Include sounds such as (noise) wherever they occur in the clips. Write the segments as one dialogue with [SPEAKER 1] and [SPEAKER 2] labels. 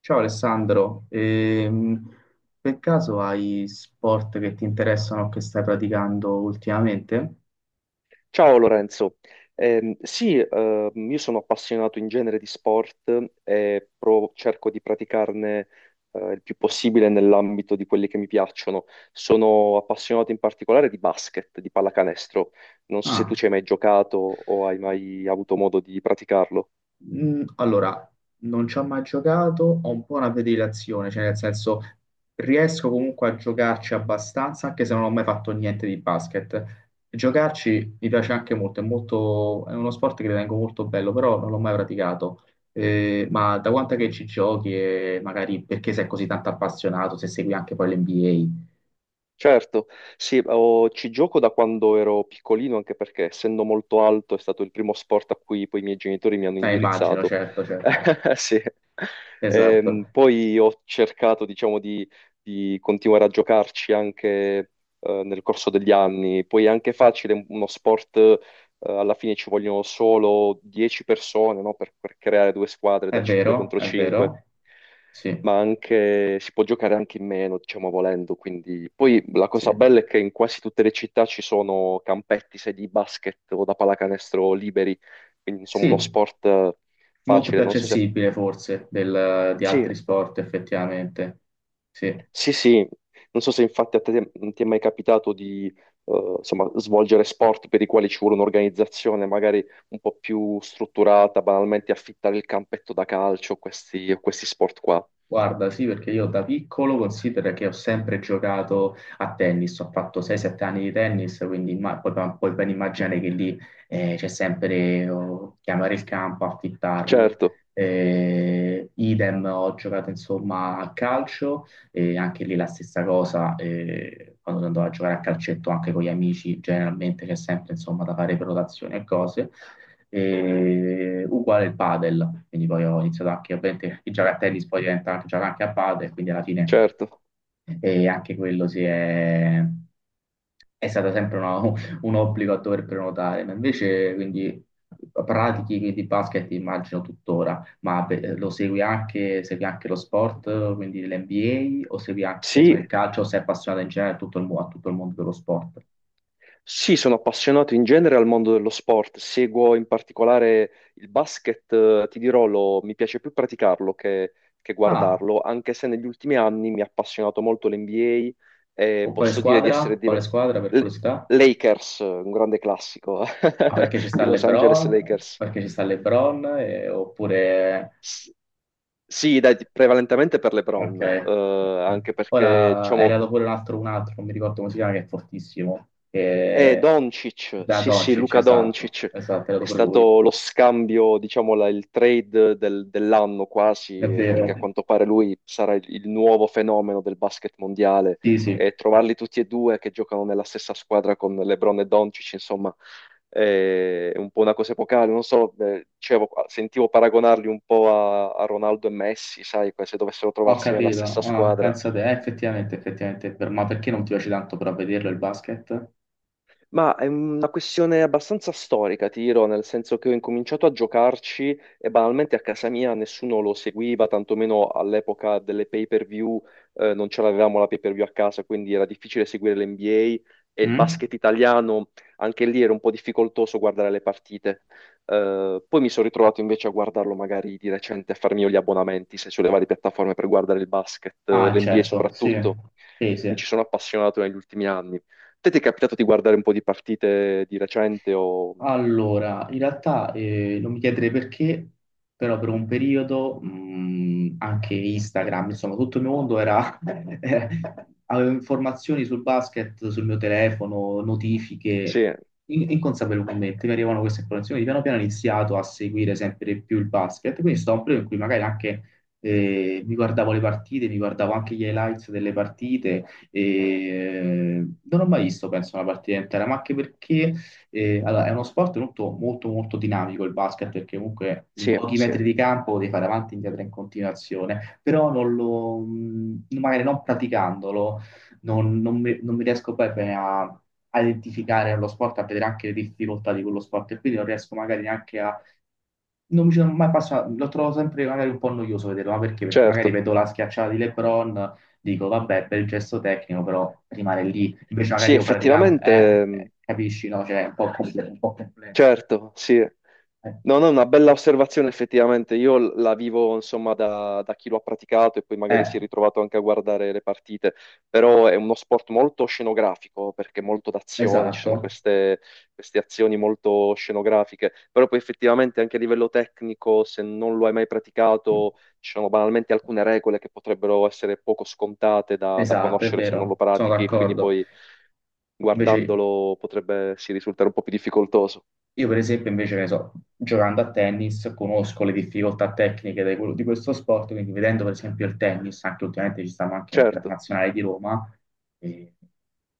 [SPEAKER 1] Ciao Alessandro, per caso hai sport che ti interessano o che stai praticando ultimamente?
[SPEAKER 2] Ciao Lorenzo. Sì, io sono appassionato in genere di sport e cerco di praticarne il più possibile nell'ambito di quelli che mi piacciono. Sono appassionato in particolare di basket, di pallacanestro. Non so se tu
[SPEAKER 1] Ah,
[SPEAKER 2] ci hai mai giocato o hai mai avuto modo di praticarlo.
[SPEAKER 1] allora, non ci ho mai giocato, ho un po' una predilezione, cioè nel senso riesco comunque a giocarci abbastanza, anche se non ho mai fatto niente di basket. Giocarci mi piace anche molto, è uno sport che ritengo molto bello, però non l'ho mai praticato. Ma da quanto è che ci giochi e magari perché sei così tanto appassionato, se segui anche poi l'NBA?
[SPEAKER 2] Certo, sì, ci gioco da quando ero piccolino, anche perché essendo molto alto è stato il primo sport a cui poi i miei genitori mi hanno
[SPEAKER 1] Immagino,
[SPEAKER 2] indirizzato.
[SPEAKER 1] certo, certo.
[SPEAKER 2] (laughs) Sì.
[SPEAKER 1] Esatto.
[SPEAKER 2] Poi ho cercato, diciamo, di continuare a giocarci anche nel corso degli anni. Poi è anche facile, uno sport, alla fine ci vogliono solo 10 persone, no? Per creare due squadre da
[SPEAKER 1] È
[SPEAKER 2] 5
[SPEAKER 1] vero,
[SPEAKER 2] contro
[SPEAKER 1] è
[SPEAKER 2] 5,
[SPEAKER 1] vero. Sì,
[SPEAKER 2] ma anche si può giocare anche in meno, diciamo volendo. Quindi poi la
[SPEAKER 1] sì.
[SPEAKER 2] cosa bella è che in quasi tutte le città ci sono campetti, sedi di basket o da pallacanestro liberi, quindi insomma
[SPEAKER 1] Sì,
[SPEAKER 2] uno sport
[SPEAKER 1] molto più
[SPEAKER 2] facile. Non so se
[SPEAKER 1] accessibile forse di
[SPEAKER 2] sì,
[SPEAKER 1] altri sport effettivamente. Sì.
[SPEAKER 2] sì, sì. Non so se infatti a te non ti è mai capitato di insomma, svolgere sport per i quali ci vuole un'organizzazione magari un po' più strutturata, banalmente affittare il campetto da calcio, questi sport qua.
[SPEAKER 1] Guarda, sì, perché io da piccolo considero che ho sempre giocato a tennis, ho fatto 6-7 anni di tennis, quindi puoi ben immaginare che lì c'è sempre chiamare il campo, affittarlo.
[SPEAKER 2] Certo,
[SPEAKER 1] Idem, ho giocato insomma a calcio anche lì la stessa cosa, quando andavo a giocare a calcetto anche con gli amici, generalmente che è sempre insomma da fare prenotazioni e cose, e uguale il padel, quindi poi ho iniziato anche, ovviamente, il giocare a tennis poi diventa anche giocare anche a padel, quindi alla fine
[SPEAKER 2] certo.
[SPEAKER 1] e anche quello è stato sempre (laughs) un obbligo a dover prenotare. Ma invece quindi pratichi di basket immagino tuttora, ma beh, segui anche lo sport, quindi l'NBA, o segui anche che ne so,
[SPEAKER 2] Sì,
[SPEAKER 1] il calcio, o sei appassionato in generale a tutto il mondo dello sport?
[SPEAKER 2] sì, sono appassionato in genere al mondo dello sport, seguo in particolare il basket, ti dirò, mi piace più praticarlo che
[SPEAKER 1] Ah,
[SPEAKER 2] guardarlo, anche se negli ultimi anni mi ha appassionato molto l'NBA e
[SPEAKER 1] con quale
[SPEAKER 2] posso dire di
[SPEAKER 1] squadra?
[SPEAKER 2] essere
[SPEAKER 1] Quale
[SPEAKER 2] diventato...
[SPEAKER 1] squadra per curiosità?
[SPEAKER 2] Lakers, un grande classico,
[SPEAKER 1] Ah, perché ci
[SPEAKER 2] (laughs)
[SPEAKER 1] sta
[SPEAKER 2] i Los Angeles
[SPEAKER 1] LeBron?
[SPEAKER 2] Lakers.
[SPEAKER 1] Perché ci sta LeBron? Oppure
[SPEAKER 2] S- sì, dai, prevalentemente per LeBron,
[SPEAKER 1] Ok.
[SPEAKER 2] anche perché
[SPEAKER 1] Ora è
[SPEAKER 2] diciamo,
[SPEAKER 1] arrivato pure un altro, non mi ricordo come si chiama, che è fortissimo.
[SPEAKER 2] eh, Doncic,
[SPEAKER 1] Da
[SPEAKER 2] sì sì,
[SPEAKER 1] Doncic,
[SPEAKER 2] Luca
[SPEAKER 1] esatto,
[SPEAKER 2] Doncic
[SPEAKER 1] esatto, è
[SPEAKER 2] è
[SPEAKER 1] arrivato pure lui.
[SPEAKER 2] stato lo scambio, diciamo, il trade dell'anno
[SPEAKER 1] È
[SPEAKER 2] quasi,
[SPEAKER 1] vero.
[SPEAKER 2] perché a quanto pare lui sarà il nuovo fenomeno del basket mondiale,
[SPEAKER 1] Sì, sì,
[SPEAKER 2] e trovarli tutti e due che giocano nella stessa squadra con LeBron e Doncic, insomma, è un po' una cosa epocale, non so, dicevo, sentivo paragonarli un po' a Ronaldo e Messi, sai, se dovessero
[SPEAKER 1] ho
[SPEAKER 2] trovarsi nella
[SPEAKER 1] capito.
[SPEAKER 2] stessa
[SPEAKER 1] Ah,
[SPEAKER 2] squadra.
[SPEAKER 1] pensa te, effettivamente, effettivamente è vero. Ma perché non ti piace tanto però vederlo il basket?
[SPEAKER 2] Ma è una questione abbastanza storica, ti dirò, nel senso che ho incominciato a giocarci e banalmente a casa mia nessuno lo seguiva, tantomeno all'epoca delle pay-per-view. Non ce l'avevamo la pay-per-view a casa, quindi era difficile seguire l'NBA e il
[SPEAKER 1] Mm?
[SPEAKER 2] basket italiano, anche lì era un po' difficoltoso guardare le partite. Poi mi sono ritrovato invece a guardarlo magari di recente, a farmi io gli abbonamenti, se sulle varie piattaforme per guardare il basket,
[SPEAKER 1] Ah,
[SPEAKER 2] l'NBA
[SPEAKER 1] certo, sì,
[SPEAKER 2] soprattutto.
[SPEAKER 1] sì,
[SPEAKER 2] Mi
[SPEAKER 1] sì.
[SPEAKER 2] ci sono appassionato negli ultimi anni. Te ti è capitato di guardare un po' di partite di recente o...
[SPEAKER 1] Allora, in realtà non mi chiederei perché, però per un periodo anche Instagram, insomma, tutto il mio mondo era. (laughs) Avevo informazioni sul basket, sul mio telefono, notifiche,
[SPEAKER 2] Sì,
[SPEAKER 1] inconsapevolmente mi arrivavano queste informazioni. Piano piano ho iniziato a seguire sempre più il basket, quindi è stato un periodo in cui magari anche mi guardavo le partite, mi guardavo anche gli highlights delle partite, e non ho mai visto, penso, una partita intera. Allora, è uno sport molto, molto, molto dinamico il basket perché comunque in
[SPEAKER 2] sì,
[SPEAKER 1] pochi
[SPEAKER 2] sì,
[SPEAKER 1] metri di campo devi fare avanti e indietro in continuazione, però non lo, magari non praticandolo non mi riesco poi bene a identificare lo sport, a vedere anche le difficoltà di quello sport e quindi non riesco magari neanche Non mi ci sono mai passato, lo trovo sempre magari un po' noioso vederlo, ma perché? Perché magari
[SPEAKER 2] certo.
[SPEAKER 1] vedo la schiacciata di LeBron, dico vabbè, bel gesto tecnico, però rimane lì. Invece
[SPEAKER 2] Sì,
[SPEAKER 1] magari io praticamente,
[SPEAKER 2] effettivamente,
[SPEAKER 1] capisci, no? Cioè, è un po' complesso, un po' complesso.
[SPEAKER 2] certo, sì.
[SPEAKER 1] Eh,
[SPEAKER 2] No, no, è una bella osservazione effettivamente. Io la vivo insomma da chi lo ha praticato e poi magari
[SPEAKER 1] eh,
[SPEAKER 2] si è ritrovato anche a guardare le partite, però è uno sport molto scenografico perché molto d'azione, ci sono
[SPEAKER 1] esatto,
[SPEAKER 2] queste azioni molto scenografiche, però poi effettivamente anche a livello tecnico, se non lo hai mai praticato, ci sono banalmente alcune regole che potrebbero essere poco scontate da
[SPEAKER 1] esatto, è
[SPEAKER 2] conoscere se non lo
[SPEAKER 1] vero, sono
[SPEAKER 2] pratichi, quindi
[SPEAKER 1] d'accordo.
[SPEAKER 2] poi
[SPEAKER 1] Invece
[SPEAKER 2] guardandolo potrebbe sì, risultare un po' più difficoltoso.
[SPEAKER 1] io per esempio, invece, che ne so, giocando a tennis, conosco le difficoltà tecniche di di questo sport, quindi vedendo per esempio il tennis, anche ultimamente ci stanno anche
[SPEAKER 2] Certo.
[SPEAKER 1] internazionali di Roma, e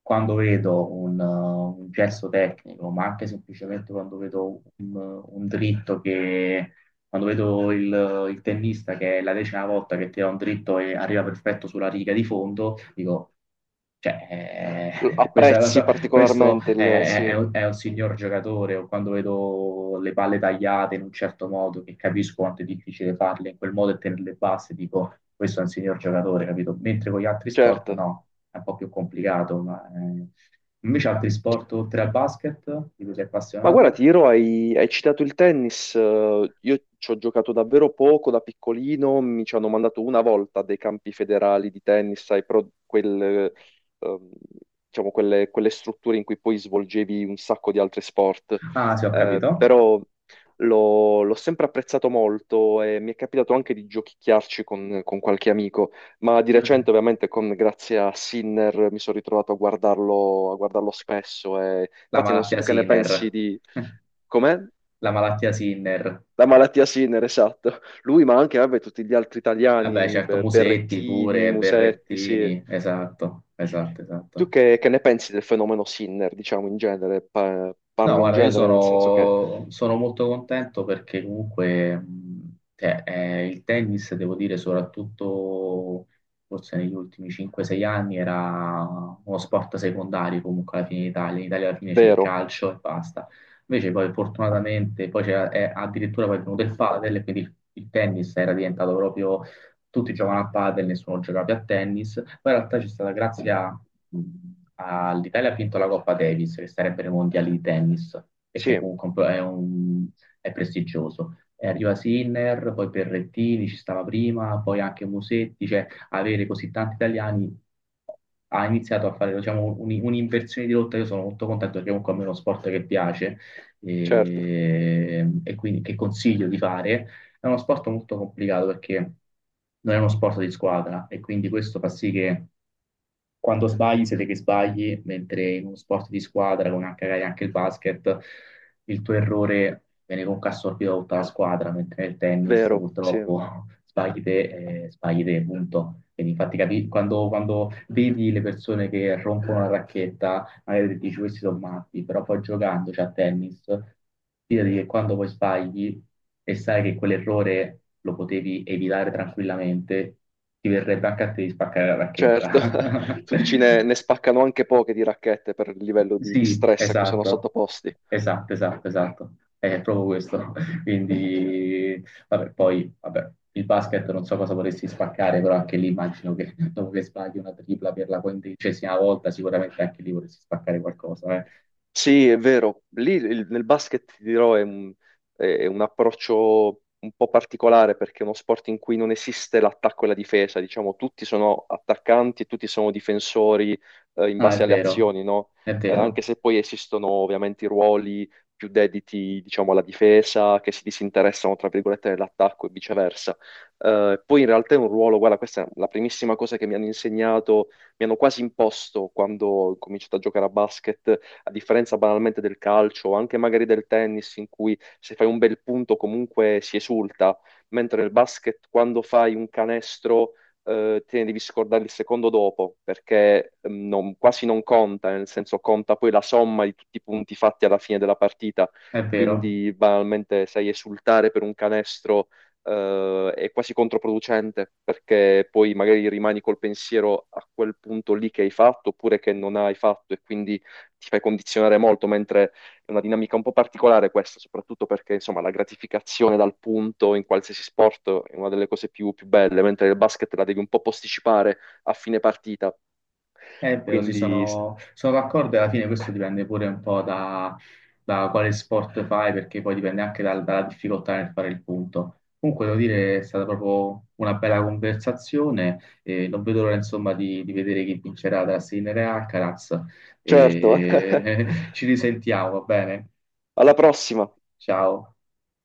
[SPEAKER 1] quando vedo un gesto tecnico, ma anche semplicemente quando vedo un dritto che quando vedo il tennista che è la 10ª volta che tira un dritto e arriva perfetto sulla riga di fondo, dico, cioè, eh, (laughs) questo, è,
[SPEAKER 2] Apprezzi
[SPEAKER 1] questo
[SPEAKER 2] particolarmente il...
[SPEAKER 1] è-
[SPEAKER 2] Sì,
[SPEAKER 1] è un, è un signor giocatore. O quando vedo le palle tagliate in un certo modo, che capisco quanto è difficile farle in quel modo e tenerle basse, dico, questo è un signor giocatore, capito? Mentre con gli altri sport,
[SPEAKER 2] certo.
[SPEAKER 1] no, è un po' più complicato. Invece altri sport oltre al basket, di cui sei
[SPEAKER 2] Ma guarda,
[SPEAKER 1] appassionato?
[SPEAKER 2] ti dirò, hai citato il tennis, io ci ho giocato davvero poco da piccolino, mi ci hanno mandato una volta dei campi federali di tennis, sai, ehm, diciamo, quelle strutture in cui poi svolgevi un sacco di altri sport.
[SPEAKER 1] Ah, sì, ho capito.
[SPEAKER 2] Però l'ho sempre apprezzato molto e mi è capitato anche di giochicchiarci con qualche amico. Ma di recente, ovviamente, grazie a Sinner mi sono ritrovato a guardarlo spesso. E...
[SPEAKER 1] La
[SPEAKER 2] Infatti, non so
[SPEAKER 1] malattia
[SPEAKER 2] tu che ne pensi
[SPEAKER 1] Sinner.
[SPEAKER 2] di
[SPEAKER 1] (laughs)
[SPEAKER 2] com'è?
[SPEAKER 1] La malattia Sinner.
[SPEAKER 2] La malattia Sinner, esatto. Lui, ma anche vabbè, tutti gli altri
[SPEAKER 1] Vabbè,
[SPEAKER 2] italiani,
[SPEAKER 1] certo, Musetti
[SPEAKER 2] Berrettini,
[SPEAKER 1] pure,
[SPEAKER 2] Musetti, sì.
[SPEAKER 1] Berrettini. Esatto, esatto,
[SPEAKER 2] Tu
[SPEAKER 1] esatto.
[SPEAKER 2] che ne pensi del fenomeno Sinner, diciamo in genere?
[SPEAKER 1] No,
[SPEAKER 2] Parlo in
[SPEAKER 1] guarda, io
[SPEAKER 2] genere, nel senso che
[SPEAKER 1] sono molto contento perché comunque cioè, il tennis, devo dire, soprattutto forse negli ultimi 5-6 anni era uno sport secondario comunque alla fine in Italia. In Italia alla fine c'è il
[SPEAKER 2] vero,
[SPEAKER 1] calcio e basta. Invece poi fortunatamente poi è addirittura poi è venuto il padel, e quindi il tennis era diventato proprio tutti giocano a padel, nessuno giocava più a tennis, poi in realtà c'è stata grazie a- all'Italia ha vinto la Coppa Davis, che sarebbero i mondiali di tennis, e che
[SPEAKER 2] sì,
[SPEAKER 1] comunque un po' è prestigioso. E arriva Sinner, poi Berrettini ci stava prima, poi anche Musetti, cioè avere così tanti italiani ha iniziato a fare diciamo, un'inversione di rotta. Io sono molto contento perché comunque a me è uno sport che piace
[SPEAKER 2] certo,
[SPEAKER 1] e quindi che consiglio di fare è uno sport molto complicato perché non è uno sport di squadra e quindi questo fa sì che quando sbagli siete che sbagli, mentre in uno sport di squadra, come anche magari anche il basket, il tuo errore viene comunque assorbito da tutta la squadra, mentre nel tennis
[SPEAKER 2] vero, sì,
[SPEAKER 1] purtroppo sbagli te, punto. Quindi infatti quando vedi le persone che rompono la racchetta magari dici questi sono matti, però poi giocandoci a tennis, fidati che quando poi sbagli e sai che quell'errore lo potevi evitare tranquillamente, ti verrebbe anche a te di spaccare la
[SPEAKER 2] certo.
[SPEAKER 1] racchetta.
[SPEAKER 2] (laughs) Tu dici ne
[SPEAKER 1] (laughs)
[SPEAKER 2] spaccano anche poche di racchette per il livello di
[SPEAKER 1] Sì,
[SPEAKER 2] stress a cui sono
[SPEAKER 1] esatto,
[SPEAKER 2] sottoposti.
[SPEAKER 1] esatto, esatto, esatto. È proprio questo. (laughs) Quindi, vabbè, poi, vabbè, il basket non so cosa vorresti spaccare, però anche lì immagino che dopo che sbagli una tripla per la 15ª volta, sicuramente anche lì vorresti spaccare qualcosa, eh.
[SPEAKER 2] Sì, è vero. Lì nel basket, ti dirò, è è un approccio un po' particolare perché è uno sport in cui non esiste l'attacco e la difesa. Diciamo, tutti sono attaccanti e tutti sono difensori, in
[SPEAKER 1] No, è
[SPEAKER 2] base alle
[SPEAKER 1] vero,
[SPEAKER 2] azioni, no?
[SPEAKER 1] è vero,
[SPEAKER 2] Anche se poi esistono ovviamente i ruoli più dediti, diciamo, alla difesa, che si disinteressano, tra virgolette, dell'attacco e viceversa. Poi in realtà è un ruolo, guarda, questa è la primissima cosa che mi hanno insegnato, mi hanno quasi imposto quando ho cominciato a giocare a basket, a differenza banalmente del calcio o anche magari del tennis, in cui se fai un bel punto comunque si esulta, mentre nel basket quando fai un canestro te ne devi scordare il secondo dopo, perché quasi non conta, nel senso conta poi la somma di tutti i punti fatti alla fine della partita,
[SPEAKER 1] è vero,
[SPEAKER 2] quindi banalmente sai esultare per un canestro è quasi controproducente perché poi magari rimani col pensiero a quel punto lì che hai fatto oppure che non hai fatto, e quindi ti fai condizionare molto, mentre è una dinamica un po' particolare questa, soprattutto perché insomma la gratificazione dal punto in qualsiasi sport è una delle cose più belle, mentre il basket la devi un po' posticipare a fine partita.
[SPEAKER 1] è vero, sì,
[SPEAKER 2] Quindi,
[SPEAKER 1] sono d'accordo e alla fine questo dipende pure un po' da quale sport fai, perché poi dipende anche dalla difficoltà nel fare il punto. Comunque, devo dire, è stata proprio una bella conversazione e non vedo l'ora, insomma, di vedere chi vincerà tra Sinner e Alcaraz.
[SPEAKER 2] certo, (laughs)
[SPEAKER 1] (laughs) Ci risentiamo, va bene?
[SPEAKER 2] alla prossima!
[SPEAKER 1] Ciao.